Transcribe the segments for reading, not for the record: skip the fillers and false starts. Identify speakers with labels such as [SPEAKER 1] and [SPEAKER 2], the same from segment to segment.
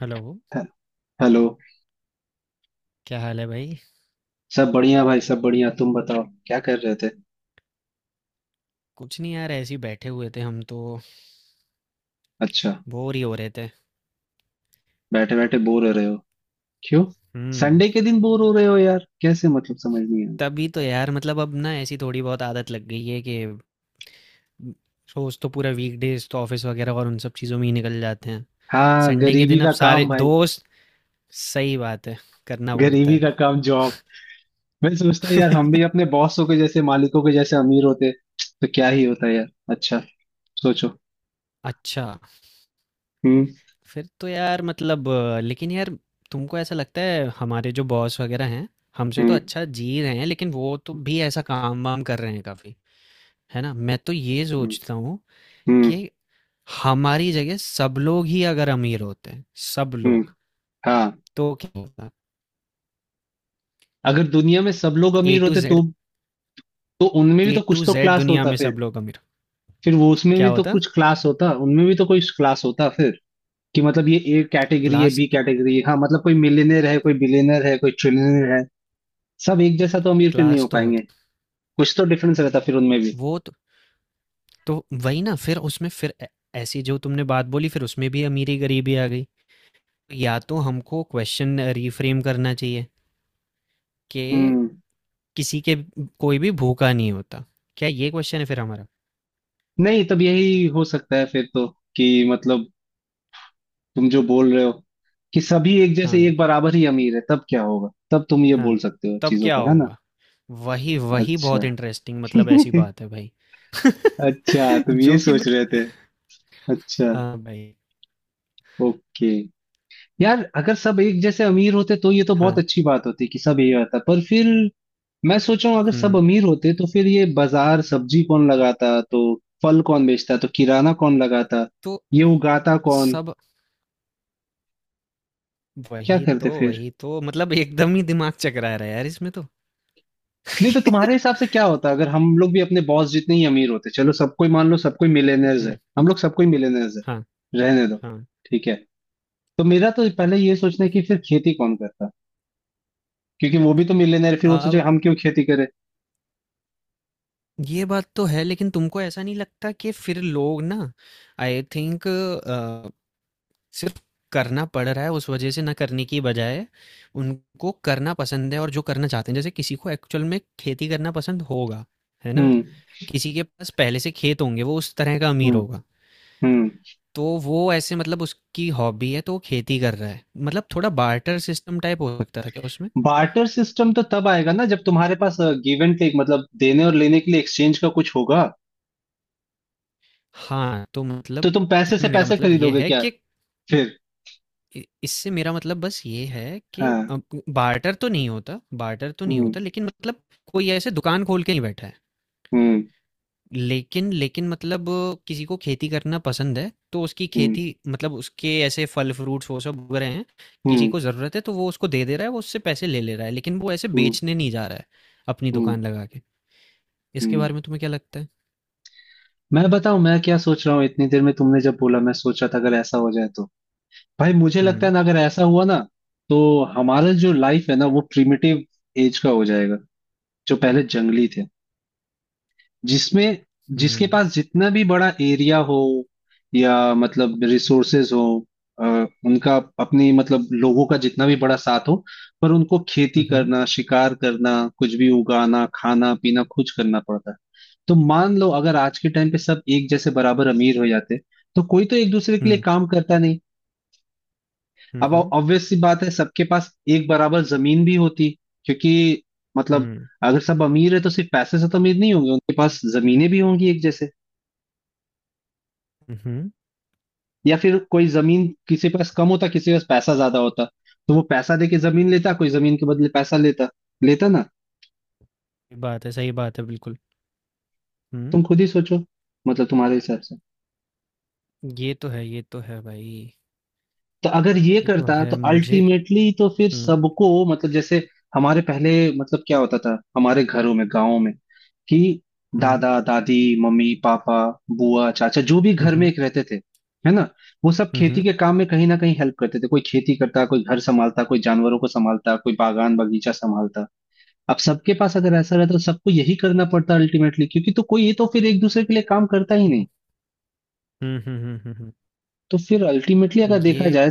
[SPEAKER 1] Hello.
[SPEAKER 2] हे- hello.
[SPEAKER 1] क्या हाल है भाई?
[SPEAKER 2] सब बढ़िया भाई, सब बढ़िया। तुम बताओ, क्या कर रहे थे?
[SPEAKER 1] कुछ नहीं यार, ऐसे ही बैठे हुए थे हम तो।
[SPEAKER 2] अच्छा।
[SPEAKER 1] बोर ही हो रहे थे।
[SPEAKER 2] बैठे बैठे बोर हो रहे हो? क्यों?
[SPEAKER 1] हम्म।
[SPEAKER 2] संडे के दिन बोर हो रहे हो यार, कैसे? मतलब समझ नहीं आया।
[SPEAKER 1] तभी तो यार मतलब अब ना ऐसी थोड़ी बहुत आदत लग गई है कि रोज तो पूरा वीकडेज तो ऑफिस वगैरह और उन सब चीज़ों में ही निकल जाते हैं।
[SPEAKER 2] हाँ,
[SPEAKER 1] संडे के
[SPEAKER 2] गरीबी
[SPEAKER 1] दिन अब
[SPEAKER 2] का
[SPEAKER 1] सारे
[SPEAKER 2] काम भाई।
[SPEAKER 1] दोस्त। सही बात है। करना पड़ता
[SPEAKER 2] गरीबी
[SPEAKER 1] है।
[SPEAKER 2] का काम, जॉब। मैं सोचता हूँ यार, हम भी अपने बॉसों के जैसे, मालिकों के जैसे अमीर होते तो क्या ही होता यार। अच्छा, सोचो।
[SPEAKER 1] अच्छा।
[SPEAKER 2] हम्म,
[SPEAKER 1] फिर तो यार मतलब लेकिन यार, तुमको ऐसा लगता है हमारे जो बॉस वगैरह हैं हमसे तो
[SPEAKER 2] हम्म,
[SPEAKER 1] अच्छा जी रहे हैं, लेकिन वो तो भी ऐसा काम वाम कर रहे हैं काफी। है ना? मैं तो ये
[SPEAKER 2] हम्म,
[SPEAKER 1] सोचता हूँ
[SPEAKER 2] हम्म,
[SPEAKER 1] कि हमारी जगह सब लोग ही अगर अमीर होते हैं, सब
[SPEAKER 2] हम्म,
[SPEAKER 1] लोग,
[SPEAKER 2] हाँ।
[SPEAKER 1] तो क्या होता?
[SPEAKER 2] अगर दुनिया में सब लोग
[SPEAKER 1] ए
[SPEAKER 2] अमीर
[SPEAKER 1] टू
[SPEAKER 2] होते तो
[SPEAKER 1] जेड।
[SPEAKER 2] उनमें भी
[SPEAKER 1] ए
[SPEAKER 2] तो कुछ
[SPEAKER 1] टू
[SPEAKER 2] तो
[SPEAKER 1] जेड
[SPEAKER 2] क्लास
[SPEAKER 1] दुनिया
[SPEAKER 2] होता
[SPEAKER 1] में
[SPEAKER 2] फिर।
[SPEAKER 1] सब लोग अमीर,
[SPEAKER 2] फिर वो, उसमें
[SPEAKER 1] क्या
[SPEAKER 2] भी तो
[SPEAKER 1] होता?
[SPEAKER 2] कुछ क्लास होता, उनमें भी तो कोई क्लास होता फिर। कि मतलब ये ए कैटेगरी है,
[SPEAKER 1] क्लास।
[SPEAKER 2] बी कैटेगरी है, हाँ, मतलब कोई मिलियनेयर है, कोई बिलियनर है, कोई ट्रिलियनर है। सब एक जैसा तो अमीर फिर नहीं
[SPEAKER 1] क्लास
[SPEAKER 2] हो
[SPEAKER 1] तो
[SPEAKER 2] पाएंगे।
[SPEAKER 1] होता।
[SPEAKER 2] कुछ तो डिफरेंस रहता फिर उनमें भी।
[SPEAKER 1] वो तो वही ना, फिर उसमें फिर ऐसी जो तुमने बात बोली फिर उसमें भी अमीरी गरीबी आ गई। या तो हमको क्वेश्चन रिफ्रेम करना चाहिए कि
[SPEAKER 2] हम्म।
[SPEAKER 1] किसी के, कोई भी भूखा नहीं होता। क्या ये क्वेश्चन है फिर हमारा?
[SPEAKER 2] नहीं, तब यही हो सकता है फिर तो, कि मतलब तुम जो बोल रहे हो कि सभी एक जैसे,
[SPEAKER 1] हाँ।
[SPEAKER 2] एक बराबर ही अमीर है, तब क्या होगा, तब तुम ये
[SPEAKER 1] हाँ।
[SPEAKER 2] बोल सकते हो
[SPEAKER 1] तब
[SPEAKER 2] चीजों
[SPEAKER 1] क्या
[SPEAKER 2] पर, है ना।
[SPEAKER 1] होगा? वही वही,
[SPEAKER 2] अच्छा।
[SPEAKER 1] बहुत इंटरेस्टिंग, मतलब ऐसी बात है भाई।
[SPEAKER 2] अच्छा, तुम
[SPEAKER 1] जो
[SPEAKER 2] ये
[SPEAKER 1] कि
[SPEAKER 2] सोच रहे
[SPEAKER 1] मतलब।
[SPEAKER 2] थे। अच्छा,
[SPEAKER 1] हाँ भाई।
[SPEAKER 2] ओके। यार अगर सब एक जैसे अमीर होते तो ये तो बहुत
[SPEAKER 1] हाँ।
[SPEAKER 2] अच्छी बात होती कि सब यही होता, पर फिर मैं सोच रहा हूँ अगर सब
[SPEAKER 1] हम्म।
[SPEAKER 2] अमीर होते तो फिर ये बाजार सब्जी कौन लगाता, तो फल कौन बेचता, तो किराना कौन लगाता,
[SPEAKER 1] तो
[SPEAKER 2] ये उगाता कौन,
[SPEAKER 1] सब,
[SPEAKER 2] क्या
[SPEAKER 1] वही तो
[SPEAKER 2] करते फिर?
[SPEAKER 1] वही तो, मतलब एकदम ही दिमाग चकरा रहा है यार इसमें तो।
[SPEAKER 2] नहीं तो तुम्हारे हिसाब से क्या होता अगर हम लोग भी अपने बॉस जितने ही अमीर होते। चलो सबको ही मान लो, सबको मिलेनियर्स है,
[SPEAKER 1] हम्म,
[SPEAKER 2] हम लोग सबको ही मिलेनियर्स है।
[SPEAKER 1] हाँ।
[SPEAKER 2] रहने दो।
[SPEAKER 1] हाँ।
[SPEAKER 2] ठीक है। तो मेरा तो पहले ये सोचना है कि फिर खेती कौन करता, क्योंकि वो भी तो मिलेनियर, फिर वो सोचे
[SPEAKER 1] अब
[SPEAKER 2] हम क्यों खेती करें।
[SPEAKER 1] ये बात तो है, लेकिन तुमको ऐसा नहीं लगता कि फिर लोग ना, आई थिंक, सिर्फ करना पड़ रहा है उस वजह से, ना करने की बजाय उनको करना पसंद है। और जो करना चाहते हैं, जैसे किसी को एक्चुअल में खेती करना पसंद होगा, है ना?
[SPEAKER 2] हम्म,
[SPEAKER 1] किसी के पास पहले से खेत होंगे, वो उस तरह का अमीर
[SPEAKER 2] हम्म,
[SPEAKER 1] होगा।
[SPEAKER 2] हम्म।
[SPEAKER 1] तो वो ऐसे मतलब उसकी हॉबी है तो वो खेती कर रहा है, मतलब थोड़ा बार्टर सिस्टम टाइप हो सकता था क्या उसमें?
[SPEAKER 2] बार्टर सिस्टम तो तब आएगा ना जब तुम्हारे पास गिव एंड टेक, मतलब देने और लेने के लिए एक्सचेंज का कुछ होगा।
[SPEAKER 1] हाँ तो
[SPEAKER 2] तो
[SPEAKER 1] मतलब,
[SPEAKER 2] तुम पैसे से
[SPEAKER 1] इसमें मेरा
[SPEAKER 2] पैसे
[SPEAKER 1] मतलब ये
[SPEAKER 2] खरीदोगे
[SPEAKER 1] है
[SPEAKER 2] क्या
[SPEAKER 1] कि
[SPEAKER 2] फिर?
[SPEAKER 1] इससे मेरा मतलब बस ये है कि
[SPEAKER 2] हाँ,
[SPEAKER 1] बार्टर तो नहीं होता, बार्टर तो नहीं
[SPEAKER 2] हम्म,
[SPEAKER 1] होता, लेकिन मतलब कोई ऐसे दुकान खोल के नहीं बैठा है।
[SPEAKER 2] हम्म,
[SPEAKER 1] लेकिन लेकिन मतलब किसी को खेती करना पसंद है तो उसकी
[SPEAKER 2] हम्म,
[SPEAKER 1] खेती मतलब उसके ऐसे फल फ्रूट्स वो सब उग रहे हैं। किसी
[SPEAKER 2] हम्म,
[SPEAKER 1] को ज़रूरत है तो वो उसको दे दे रहा है, वो उससे पैसे ले ले रहा है, लेकिन वो ऐसे
[SPEAKER 2] हम्म,
[SPEAKER 1] बेचने नहीं जा रहा है अपनी
[SPEAKER 2] हम्म,
[SPEAKER 1] दुकान लगा के। इसके बारे
[SPEAKER 2] हम्म।
[SPEAKER 1] में तुम्हें क्या लगता है?
[SPEAKER 2] मैं बताऊं मैं क्या सोच रहा हूँ, इतनी देर में तुमने जब बोला मैं सोच रहा था अगर ऐसा हो जाए तो। भाई, मुझे लगता है
[SPEAKER 1] हुँ,
[SPEAKER 2] ना, अगर ऐसा हुआ ना तो हमारा जो लाइफ है ना, वो प्रिमिटिव एज का हो जाएगा। जो पहले जंगली थे, जिसमें जिसके
[SPEAKER 1] हुँ,
[SPEAKER 2] पास जितना भी बड़ा एरिया हो, या मतलब रिसोर्सेज हो, अ, उनका अपनी मतलब लोगों का जितना भी बड़ा साथ हो। पर उनको खेती
[SPEAKER 1] हुँ, हुँ,
[SPEAKER 2] करना, शिकार करना, कुछ भी उगाना, खाना पीना खुद करना पड़ता है। तो मान लो अगर आज के टाइम पे सब एक जैसे बराबर अमीर हो जाते, तो कोई तो एक दूसरे के लिए काम करता नहीं। अब
[SPEAKER 1] हुँ,
[SPEAKER 2] ऑब्वियस सी बात है सबके पास एक बराबर जमीन भी होती, क्योंकि मतलब
[SPEAKER 1] हुँ,
[SPEAKER 2] अगर सब अमीर है तो सिर्फ पैसे से तो अमीर नहीं होंगे, उनके पास जमीनें भी होंगी एक जैसे।
[SPEAKER 1] हुँ।
[SPEAKER 2] या फिर कोई जमीन किसी के पास कम होता, किसी के पास पैसा ज्यादा होता, तो वो पैसा देके जमीन लेता, कोई जमीन के बदले पैसा लेता, लेता ना।
[SPEAKER 1] ये बात है, सही बात है बिल्कुल।
[SPEAKER 2] तुम
[SPEAKER 1] हुँ।
[SPEAKER 2] खुद ही सोचो, मतलब तुम्हारे हिसाब से।
[SPEAKER 1] ये तो है, ये तो है भाई।
[SPEAKER 2] तो अगर ये
[SPEAKER 1] ये तो
[SPEAKER 2] करता
[SPEAKER 1] है
[SPEAKER 2] तो
[SPEAKER 1] मुझे।
[SPEAKER 2] अल्टीमेटली तो फिर
[SPEAKER 1] हुँ,
[SPEAKER 2] सबको, मतलब जैसे हमारे पहले, मतलब क्या होता था हमारे घरों में, गाँव में, कि
[SPEAKER 1] हुँ,
[SPEAKER 2] दादा दादी, मम्मी पापा, बुआ चाचा, जो भी
[SPEAKER 1] हुँ,
[SPEAKER 2] घर में
[SPEAKER 1] हुँ,
[SPEAKER 2] एक रहते थे, है ना। वो सब
[SPEAKER 1] हुँ,
[SPEAKER 2] खेती
[SPEAKER 1] हुँ।
[SPEAKER 2] के काम में कहीं ना कहीं हेल्प करते थे, कोई खेती करता, कोई घर संभालता, कोई जानवरों को संभालता, कोई बागान बगीचा संभालता। अब सबके पास अगर ऐसा रहता तो सबको यही करना पड़ता अल्टीमेटली, क्योंकि तो कोई तो फिर एक दूसरे के लिए काम करता ही नहीं।
[SPEAKER 1] वो- हुँ, हुँ, हुँ, हुँ, हुँ।
[SPEAKER 2] तो फिर अल्टीमेटली अगर देखा
[SPEAKER 1] ये
[SPEAKER 2] जाए।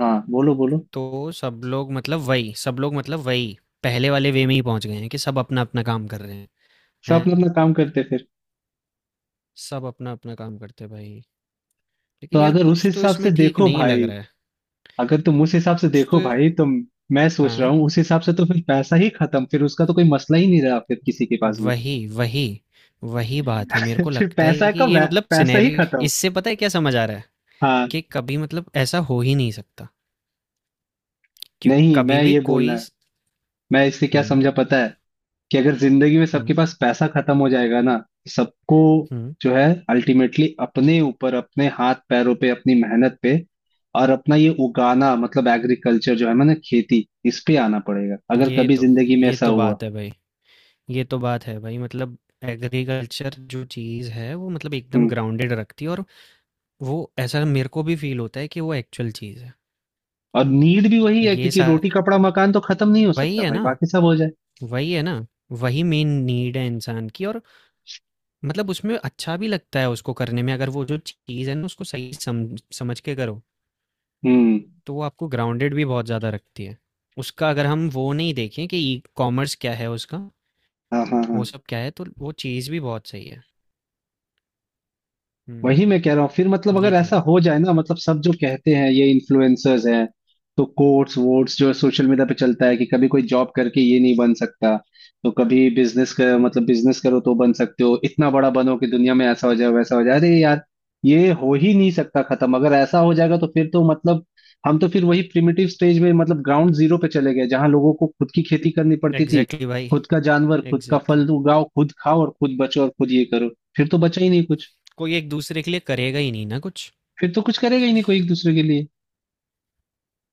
[SPEAKER 2] हाँ बोलो बोलो।
[SPEAKER 1] तो सब लोग मतलब वही, सब लोग मतलब वही पहले वाले वे में ही पहुंच गए हैं कि सब अपना अपना काम कर रहे हैं।
[SPEAKER 2] सब
[SPEAKER 1] हैं,
[SPEAKER 2] अपना अपना काम करते फिर।
[SPEAKER 1] सब अपना अपना काम करते हैं भाई।
[SPEAKER 2] तो
[SPEAKER 1] लेकिन यार
[SPEAKER 2] अगर उस
[SPEAKER 1] कुछ तो
[SPEAKER 2] हिसाब से
[SPEAKER 1] इसमें ठीक
[SPEAKER 2] देखो
[SPEAKER 1] नहीं लग
[SPEAKER 2] भाई
[SPEAKER 1] रहा है।
[SPEAKER 2] अगर तुम उस हिसाब से
[SPEAKER 1] कुछ तो।
[SPEAKER 2] देखो भाई तो, मैं सोच रहा
[SPEAKER 1] हाँ।
[SPEAKER 2] हूँ उस हिसाब से तो फिर पैसा ही खत्म, फिर उसका तो कोई मसला ही नहीं रहा फिर किसी के पास भी।
[SPEAKER 1] वही वही, वही बात है। मेरे को
[SPEAKER 2] फिर
[SPEAKER 1] लगता है कि ये मतलब
[SPEAKER 2] पैसा ही
[SPEAKER 1] सिनेरियो,
[SPEAKER 2] खत्म।
[SPEAKER 1] इससे पता है क्या समझ आ रहा है?
[SPEAKER 2] हाँ।
[SPEAKER 1] कि कभी मतलब ऐसा हो ही नहीं सकता, क्योंकि
[SPEAKER 2] नहीं
[SPEAKER 1] कभी
[SPEAKER 2] मैं
[SPEAKER 1] भी
[SPEAKER 2] ये बोलना
[SPEAKER 1] कोई।
[SPEAKER 2] है, मैं इससे क्या
[SPEAKER 1] हम्म।
[SPEAKER 2] समझा पता है, कि अगर जिंदगी में सबके
[SPEAKER 1] हम्म।
[SPEAKER 2] पास पैसा खत्म हो जाएगा ना, तो सबको
[SPEAKER 1] हम्म।
[SPEAKER 2] जो है अल्टीमेटली अपने ऊपर, अपने हाथ पैरों पे, अपनी मेहनत पे, और अपना ये उगाना मतलब एग्रीकल्चर जो है ना, खेती, इस पे आना पड़ेगा अगर
[SPEAKER 1] ये
[SPEAKER 2] कभी
[SPEAKER 1] तो
[SPEAKER 2] जिंदगी में
[SPEAKER 1] ये
[SPEAKER 2] ऐसा
[SPEAKER 1] तो
[SPEAKER 2] हुआ।
[SPEAKER 1] बात है भाई। ये तो बात है भाई, मतलब एग्रीकल्चर जो चीज़ है वो मतलब एकदम
[SPEAKER 2] हम्म।
[SPEAKER 1] ग्राउंडेड रखती है। और वो ऐसा मेरे को भी फील होता है कि वो एक्चुअल चीज़ है।
[SPEAKER 2] और नीड भी वही है,
[SPEAKER 1] ये
[SPEAKER 2] क्योंकि
[SPEAKER 1] सा
[SPEAKER 2] रोटी कपड़ा मकान तो खत्म नहीं हो
[SPEAKER 1] वही
[SPEAKER 2] सकता
[SPEAKER 1] है
[SPEAKER 2] भाई,
[SPEAKER 1] ना,
[SPEAKER 2] बाकी सब हो जाए।
[SPEAKER 1] वही है ना, वही मेन नीड है इंसान की। और मतलब उसमें अच्छा भी लगता है उसको करने में, अगर वो जो चीज़ है ना उसको सही समझ के करो
[SPEAKER 2] हम्म,
[SPEAKER 1] तो वो आपको ग्राउंडेड भी बहुत ज़्यादा रखती है। उसका अगर हम वो नहीं देखें कि ई कॉमर्स क्या है उसका,
[SPEAKER 2] हाँ, हाँ, हाँ।
[SPEAKER 1] वो सब क्या है, तो वो चीज़ भी बहुत सही है।
[SPEAKER 2] वही मैं कह
[SPEAKER 1] हम्म।
[SPEAKER 2] रहा हूँ फिर, मतलब
[SPEAKER 1] ये
[SPEAKER 2] अगर
[SPEAKER 1] तो है।
[SPEAKER 2] ऐसा हो जाए ना, मतलब सब जो कहते हैं ये इन्फ्लुएंसर्स हैं, तो कोट्स वोट्स जो सोशल मीडिया पे चलता है कि कभी कोई जॉब करके ये नहीं बन सकता, तो कभी बिजनेस कर मतलब बिजनेस करो तो बन सकते हो, इतना बड़ा बनो कि दुनिया में ऐसा हो जाए वैसा हो जाए, अरे यार ये हो ही नहीं सकता, खत्म। अगर ऐसा हो जाएगा तो फिर तो मतलब हम तो फिर वही प्रिमिटिव स्टेज में, मतलब ग्राउंड जीरो पे चले गए, जहां लोगों को खुद की खेती करनी पड़ती थी,
[SPEAKER 1] एग्जैक्टली exactly भाई।
[SPEAKER 2] खुद का जानवर, खुद का
[SPEAKER 1] एग्जैक्टली
[SPEAKER 2] फल
[SPEAKER 1] exactly।
[SPEAKER 2] उगाओ, खुद खाओ और खुद बचो और खुद ये करो। फिर तो बचा ही नहीं कुछ।
[SPEAKER 1] कोई एक दूसरे के लिए करेगा ही नहीं ना कुछ।
[SPEAKER 2] फिर तो कुछ करेगा ही नहीं कोई एक दूसरे के लिए।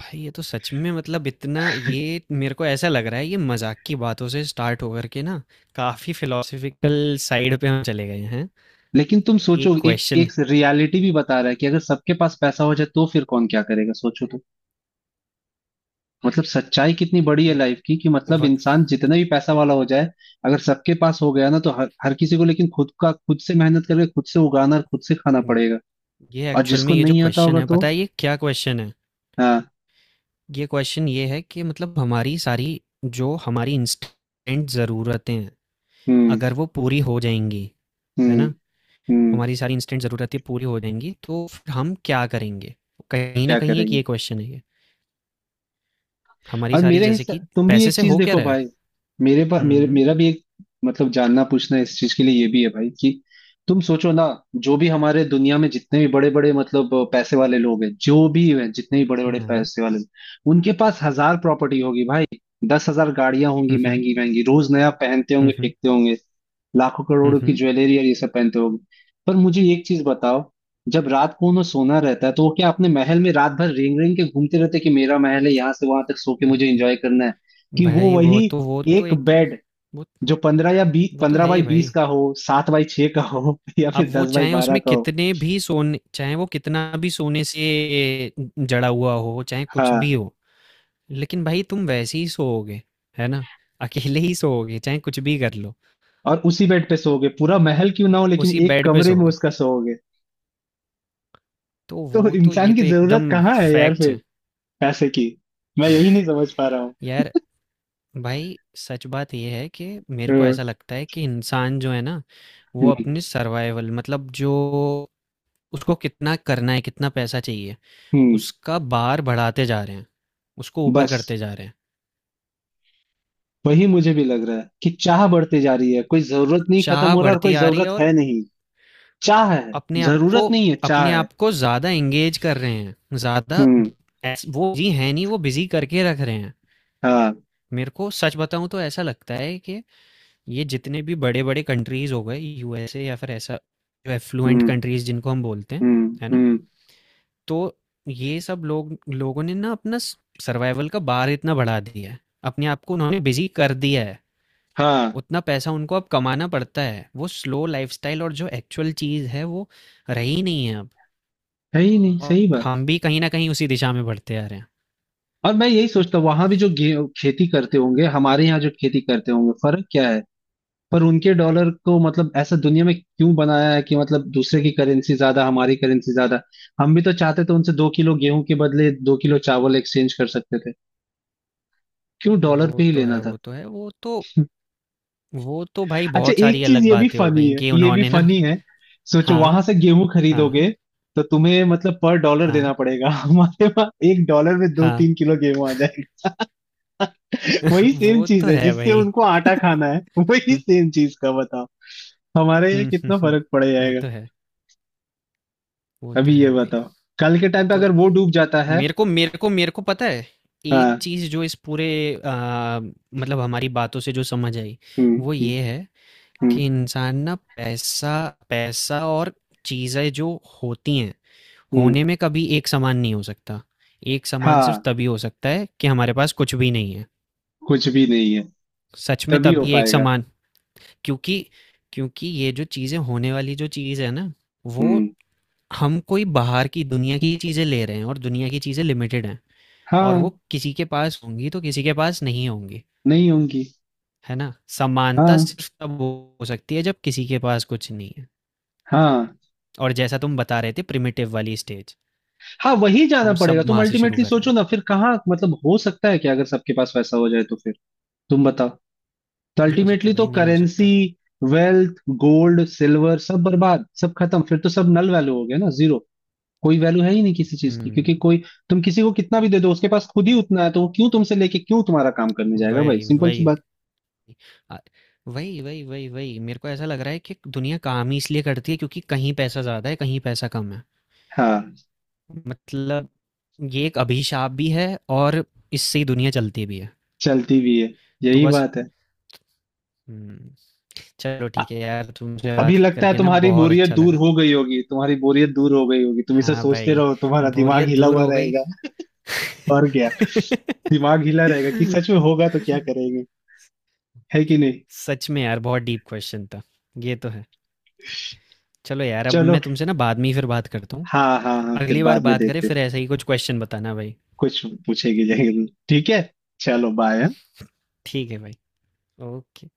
[SPEAKER 1] भाई ये तो सच में, मतलब इतना ये मेरे को ऐसा लग रहा है, ये मजाक की बातों से स्टार्ट होकर के ना काफी फिलोसफिकल साइड पे हम चले गए हैं।
[SPEAKER 2] लेकिन तुम सोचो,
[SPEAKER 1] एक
[SPEAKER 2] एक
[SPEAKER 1] क्वेश्चन,
[SPEAKER 2] एक रियलिटी भी बता रहा है कि अगर सबके पास पैसा हो जाए तो फिर कौन क्या करेगा, सोचो तो। मतलब सच्चाई कितनी बड़ी है लाइफ की, कि मतलब इंसान जितना भी पैसा वाला हो जाए, अगर सबके पास हो गया ना, तो हर किसी को लेकिन खुद का, खुद से मेहनत करके, खुद से उगाना और खुद से खाना पड़ेगा।
[SPEAKER 1] ये
[SPEAKER 2] और
[SPEAKER 1] एक्चुअल में
[SPEAKER 2] जिसको
[SPEAKER 1] ये जो
[SPEAKER 2] नहीं आता
[SPEAKER 1] क्वेश्चन
[SPEAKER 2] होगा
[SPEAKER 1] है पता
[SPEAKER 2] तो।
[SPEAKER 1] है ये क्या क्वेश्चन है?
[SPEAKER 2] हाँ,
[SPEAKER 1] ये क्वेश्चन ये है कि मतलब हमारी सारी, जो हमारी इंस्टेंट ज़रूरतें हैं,
[SPEAKER 2] हम्म,
[SPEAKER 1] अगर वो पूरी हो जाएंगी, है
[SPEAKER 2] हम्म,
[SPEAKER 1] ना,
[SPEAKER 2] हम्म।
[SPEAKER 1] हमारी सारी इंस्टेंट ज़रूरतें पूरी हो जाएँगी, तो फिर हम क्या करेंगे? कहीं न
[SPEAKER 2] क्या
[SPEAKER 1] कहीं एक
[SPEAKER 2] करेंगे?
[SPEAKER 1] ये क्वेश्चन है ये। हमारी
[SPEAKER 2] और
[SPEAKER 1] सारी
[SPEAKER 2] मेरे
[SPEAKER 1] जैसे कि
[SPEAKER 2] हिसाब तुम भी
[SPEAKER 1] पैसे
[SPEAKER 2] एक
[SPEAKER 1] से
[SPEAKER 2] चीज
[SPEAKER 1] हो क्या
[SPEAKER 2] देखो
[SPEAKER 1] रहा है?
[SPEAKER 2] भाई, मेरे पास मेरे
[SPEAKER 1] हुँ,
[SPEAKER 2] मेरा भी एक मतलब जानना, पूछना इस चीज के लिए ये भी है भाई, कि तुम सोचो ना। जो भी हमारे दुनिया में जितने भी बड़े बड़े मतलब पैसे वाले लोग हैं, जो भी हैं, जितने भी बड़े
[SPEAKER 1] हुँ,
[SPEAKER 2] बड़े
[SPEAKER 1] हुँ,
[SPEAKER 2] पैसे वाले लोग, उनके पास हजार प्रॉपर्टी होगी भाई, 10,000 गाड़ियां होंगी
[SPEAKER 1] हुँ,
[SPEAKER 2] महंगी महंगी, रोज नया पहनते
[SPEAKER 1] हुँ,
[SPEAKER 2] होंगे,
[SPEAKER 1] हुँ,
[SPEAKER 2] फेंकते होंगे, लाखों
[SPEAKER 1] हुँ,
[SPEAKER 2] करोड़ों की
[SPEAKER 1] हुँ,
[SPEAKER 2] ज्वेलरी और ये सब पहनते होंगे। पर मुझे एक चीज बताओ, जब रात को उन्हें सोना रहता है तो वो क्या अपने महल में रात भर रेंग रेंग के घूमते रहते हैं कि मेरा महल है यहाँ से वहां तक, सो के
[SPEAKER 1] हुँ।
[SPEAKER 2] मुझे एंजॉय करना है? कि वो
[SPEAKER 1] भाई वो
[SPEAKER 2] वही
[SPEAKER 1] तो वो तो
[SPEAKER 2] एक
[SPEAKER 1] एकदम,
[SPEAKER 2] बेड,
[SPEAKER 1] वो
[SPEAKER 2] जो 15 या बी
[SPEAKER 1] वो तो
[SPEAKER 2] पंद्रह
[SPEAKER 1] है
[SPEAKER 2] बाई
[SPEAKER 1] ही
[SPEAKER 2] बीस
[SPEAKER 1] भाई।
[SPEAKER 2] का हो, 7×6 का हो, या
[SPEAKER 1] अब
[SPEAKER 2] फिर
[SPEAKER 1] वो
[SPEAKER 2] दस बाई
[SPEAKER 1] चाहे
[SPEAKER 2] बारह
[SPEAKER 1] उसमें
[SPEAKER 2] का हो।
[SPEAKER 1] कितने भी सोने, चाहे वो कितना भी सोने से जड़ा हुआ हो, चाहे कुछ भी
[SPEAKER 2] हाँ।
[SPEAKER 1] हो, लेकिन भाई तुम वैसे ही सोओगे, है ना? अकेले ही सोओगे, चाहे कुछ भी कर लो,
[SPEAKER 2] और उसी बेड पे सोओगे, पूरा महल क्यों ना हो लेकिन
[SPEAKER 1] उसी
[SPEAKER 2] एक
[SPEAKER 1] बेड पे
[SPEAKER 2] कमरे में
[SPEAKER 1] सोओगे।
[SPEAKER 2] उसका सोओगे।
[SPEAKER 1] तो
[SPEAKER 2] तो
[SPEAKER 1] वो तो, ये
[SPEAKER 2] इंसान की
[SPEAKER 1] तो
[SPEAKER 2] जरूरत
[SPEAKER 1] एकदम
[SPEAKER 2] कहाँ है यार
[SPEAKER 1] फैक्ट
[SPEAKER 2] फिर,
[SPEAKER 1] है।
[SPEAKER 2] पैसे की? मैं यही नहीं समझ पा रहा हूँ।
[SPEAKER 1] यार, भाई सच बात ये है कि मेरे को
[SPEAKER 2] हम्म,
[SPEAKER 1] ऐसा लगता है कि इंसान जो है ना, वो
[SPEAKER 2] हम्म,
[SPEAKER 1] अपने सर्वाइवल मतलब जो उसको कितना करना है, कितना पैसा चाहिए,
[SPEAKER 2] हम्म।
[SPEAKER 1] उसका बार बढ़ाते जा रहे हैं, उसको ऊपर
[SPEAKER 2] बस
[SPEAKER 1] करते जा रहे हैं।
[SPEAKER 2] वही मुझे भी लग रहा है कि चाह बढ़ती जा रही है, कोई जरूरत नहीं खत्म
[SPEAKER 1] चाह
[SPEAKER 2] हो रहा, और
[SPEAKER 1] बढ़ती
[SPEAKER 2] कोई
[SPEAKER 1] आ रही है।
[SPEAKER 2] जरूरत
[SPEAKER 1] और
[SPEAKER 2] है नहीं। चाह है,
[SPEAKER 1] अपने आप को
[SPEAKER 2] जरूरत नहीं है, चाह
[SPEAKER 1] अपने
[SPEAKER 2] है।
[SPEAKER 1] आप को ज़्यादा एंगेज कर रहे हैं, ज़्यादा
[SPEAKER 2] हम्म,
[SPEAKER 1] वो जी है नहीं, वो बिजी करके रख रहे हैं।
[SPEAKER 2] हाँ,
[SPEAKER 1] मेरे को सच बताऊं तो ऐसा लगता है कि ये जितने भी बड़े-बड़े कंट्रीज़ हो गए, यूएसए या फिर ऐसा जो एफ्लुएंट
[SPEAKER 2] हम्म,
[SPEAKER 1] कंट्रीज़ जिनको हम बोलते हैं,
[SPEAKER 2] हम्म,
[SPEAKER 1] है ना?
[SPEAKER 2] हम्म,
[SPEAKER 1] तो ये सब लोग, लोगों ने ना अपना स सर्वाइवल का बार इतना बढ़ा दिया है। अपने आप को उन्होंने बिज़ी कर दिया है।
[SPEAKER 2] हाँ।
[SPEAKER 1] उतना पैसा उनको अब कमाना पड़ता है। वो स्लो लाइफ़स्टाइल और जो एक्चुअल चीज़ है वो रही नहीं है अब।
[SPEAKER 2] है ही नहीं,
[SPEAKER 1] और
[SPEAKER 2] सही बात।
[SPEAKER 1] हम भी कहीं न कहीं उसी दिशा में बढ़ते आ रहे हैं।
[SPEAKER 2] और मैं यही सोचता हूँ, वहां भी जो खेती करते होंगे, हमारे यहाँ जो खेती करते होंगे, फर्क क्या है? पर उनके डॉलर को, मतलब ऐसा दुनिया में क्यों बनाया है कि मतलब दूसरे की करेंसी ज्यादा, हमारी करेंसी ज्यादा। हम भी तो चाहते तो उनसे 2 किलो गेहूं के बदले 2 किलो चावल एक्सचेंज कर सकते थे, क्यों डॉलर
[SPEAKER 1] वो
[SPEAKER 2] पे ही
[SPEAKER 1] तो है,
[SPEAKER 2] लेना था?
[SPEAKER 1] वो तो है। वो तो, वो तो भाई
[SPEAKER 2] अच्छा,
[SPEAKER 1] बहुत सारी
[SPEAKER 2] एक चीज
[SPEAKER 1] अलग
[SPEAKER 2] ये भी
[SPEAKER 1] बातें हो
[SPEAKER 2] फनी
[SPEAKER 1] गई
[SPEAKER 2] है,
[SPEAKER 1] कि
[SPEAKER 2] ये भी
[SPEAKER 1] उन्होंने ना।
[SPEAKER 2] फनी है। सोचो,
[SPEAKER 1] हाँ,
[SPEAKER 2] वहां से गेहूं
[SPEAKER 1] हाँ,
[SPEAKER 2] खरीदोगे तो तुम्हें मतलब पर डॉलर देना
[SPEAKER 1] हाँ,
[SPEAKER 2] पड़ेगा, हमारे वहां $1 में दो
[SPEAKER 1] हाँ।
[SPEAKER 2] तीन किलो गेहूं आ जाएगा। वही सेम
[SPEAKER 1] वो तो
[SPEAKER 2] चीज है
[SPEAKER 1] है
[SPEAKER 2] जिससे
[SPEAKER 1] भाई।
[SPEAKER 2] उनको आटा खाना है। वही
[SPEAKER 1] हम्म,
[SPEAKER 2] सेम चीज का बताओ हमारे यहाँ
[SPEAKER 1] हम्म,
[SPEAKER 2] कितना
[SPEAKER 1] हम्म।
[SPEAKER 2] फर्क पड़
[SPEAKER 1] वो
[SPEAKER 2] जाएगा।
[SPEAKER 1] तो है, वो
[SPEAKER 2] अभी
[SPEAKER 1] तो
[SPEAKER 2] ये
[SPEAKER 1] है भाई।
[SPEAKER 2] बताओ, कल के टाइम पे
[SPEAKER 1] तो
[SPEAKER 2] अगर वो डूब जाता है।
[SPEAKER 1] मेरे को पता है एक
[SPEAKER 2] हाँ,
[SPEAKER 1] चीज जो इस पूरे मतलब हमारी बातों से जो समझ आई,
[SPEAKER 2] हम्म,
[SPEAKER 1] वो
[SPEAKER 2] हम्म,
[SPEAKER 1] ये है
[SPEAKER 2] हम्म,
[SPEAKER 1] कि इंसान ना पैसा, पैसा और चीजें जो होती हैं
[SPEAKER 2] हम्म,
[SPEAKER 1] होने में कभी एक समान नहीं हो सकता। एक समान सिर्फ
[SPEAKER 2] हाँ।
[SPEAKER 1] तभी हो सकता है कि हमारे पास कुछ भी नहीं है।
[SPEAKER 2] कुछ भी नहीं है
[SPEAKER 1] सच में
[SPEAKER 2] तभी हो
[SPEAKER 1] तभी एक
[SPEAKER 2] पाएगा।
[SPEAKER 1] समान, क्योंकि क्योंकि ये जो चीजें होने वाली जो चीज है ना, वो
[SPEAKER 2] हम्म,
[SPEAKER 1] हम कोई बाहर की दुनिया की चीज़ें ले रहे हैं और दुनिया की चीज़ें लिमिटेड हैं। और वो
[SPEAKER 2] हाँ,
[SPEAKER 1] किसी के पास होंगी तो किसी के पास नहीं होंगी।
[SPEAKER 2] नहीं होंगी,
[SPEAKER 1] है ना, समानता
[SPEAKER 2] हाँ,
[SPEAKER 1] सिर्फ तब हो सकती है जब किसी के पास कुछ नहीं है।
[SPEAKER 2] हाँ,
[SPEAKER 1] और जैसा तुम बता रहे थे प्रिमिटिव वाली स्टेज,
[SPEAKER 2] हाँ। वही जाना
[SPEAKER 1] हम
[SPEAKER 2] पड़ेगा
[SPEAKER 1] सब
[SPEAKER 2] तुम
[SPEAKER 1] वहां से शुरू
[SPEAKER 2] अल्टीमेटली,
[SPEAKER 1] कर रहे
[SPEAKER 2] सोचो
[SPEAKER 1] हैं।
[SPEAKER 2] ना फिर कहाँ, मतलब हो सकता है क्या अगर सबके पास पैसा हो जाए तो फिर? तुम बताओ। तो
[SPEAKER 1] नहीं हो सकता
[SPEAKER 2] अल्टीमेटली तो
[SPEAKER 1] भाई, नहीं हो
[SPEAKER 2] करेंसी,
[SPEAKER 1] सकता।
[SPEAKER 2] वेल्थ, गोल्ड, सिल्वर, सब बर्बाद, सब खत्म, फिर तो सब नल वैल्यू हो गया ना, जीरो। कोई वैल्यू है ही नहीं किसी चीज की,
[SPEAKER 1] हम्म।
[SPEAKER 2] क्योंकि कोई, तुम किसी को कितना भी दे दो उसके पास खुद ही उतना है, तो वो क्यों तुमसे लेके क्यों तुम्हारा काम करने जाएगा भाई,
[SPEAKER 1] वही
[SPEAKER 2] सिंपल सी
[SPEAKER 1] वही,
[SPEAKER 2] बात।
[SPEAKER 1] आ- वही वही वही वही, मेरे को ऐसा लग रहा है कि दुनिया काम ही इसलिए करती है क्योंकि कहीं पैसा ज़्यादा है, कहीं पैसा कम है।
[SPEAKER 2] हाँ,
[SPEAKER 1] मतलब ये एक अभिशाप भी है, और इससे ही दुनिया चलती भी है।
[SPEAKER 2] चलती भी है,
[SPEAKER 1] तो
[SPEAKER 2] यही
[SPEAKER 1] बस।
[SPEAKER 2] बात है।
[SPEAKER 1] हम्म। चलो ठीक है यार, तुमसे
[SPEAKER 2] अभी
[SPEAKER 1] बात
[SPEAKER 2] लगता है
[SPEAKER 1] करके ना
[SPEAKER 2] तुम्हारी
[SPEAKER 1] बहुत
[SPEAKER 2] बोरियत
[SPEAKER 1] अच्छा
[SPEAKER 2] दूर
[SPEAKER 1] लगा।
[SPEAKER 2] हो गई होगी, तुम्हारी बोरियत दूर हो गई होगी, तुम इसे
[SPEAKER 1] हाँ
[SPEAKER 2] सोचते
[SPEAKER 1] भाई,
[SPEAKER 2] रहो, तुम्हारा दिमाग
[SPEAKER 1] बोरियत
[SPEAKER 2] हिला
[SPEAKER 1] दूर
[SPEAKER 2] हुआ
[SPEAKER 1] हो गई।
[SPEAKER 2] रहेगा। और क्या, दिमाग हिला रहेगा कि सच में होगा तो क्या करेंगे, है कि नहीं?
[SPEAKER 1] सच में यार बहुत डीप क्वेश्चन था। ये तो है। चलो यार, अब
[SPEAKER 2] चलो,
[SPEAKER 1] मैं तुमसे ना बाद में ही फिर बात करता हूँ।
[SPEAKER 2] हाँ, हाँ, हाँ, फिर
[SPEAKER 1] अगली बार
[SPEAKER 2] बाद में
[SPEAKER 1] बात करें
[SPEAKER 2] देखते।
[SPEAKER 1] फिर ऐसा ही कुछ क्वेश्चन बताना भाई।
[SPEAKER 2] कुछ पूछेगी जरूर, ठीक है, चलो बाय।
[SPEAKER 1] ठीक है भाई। ओके।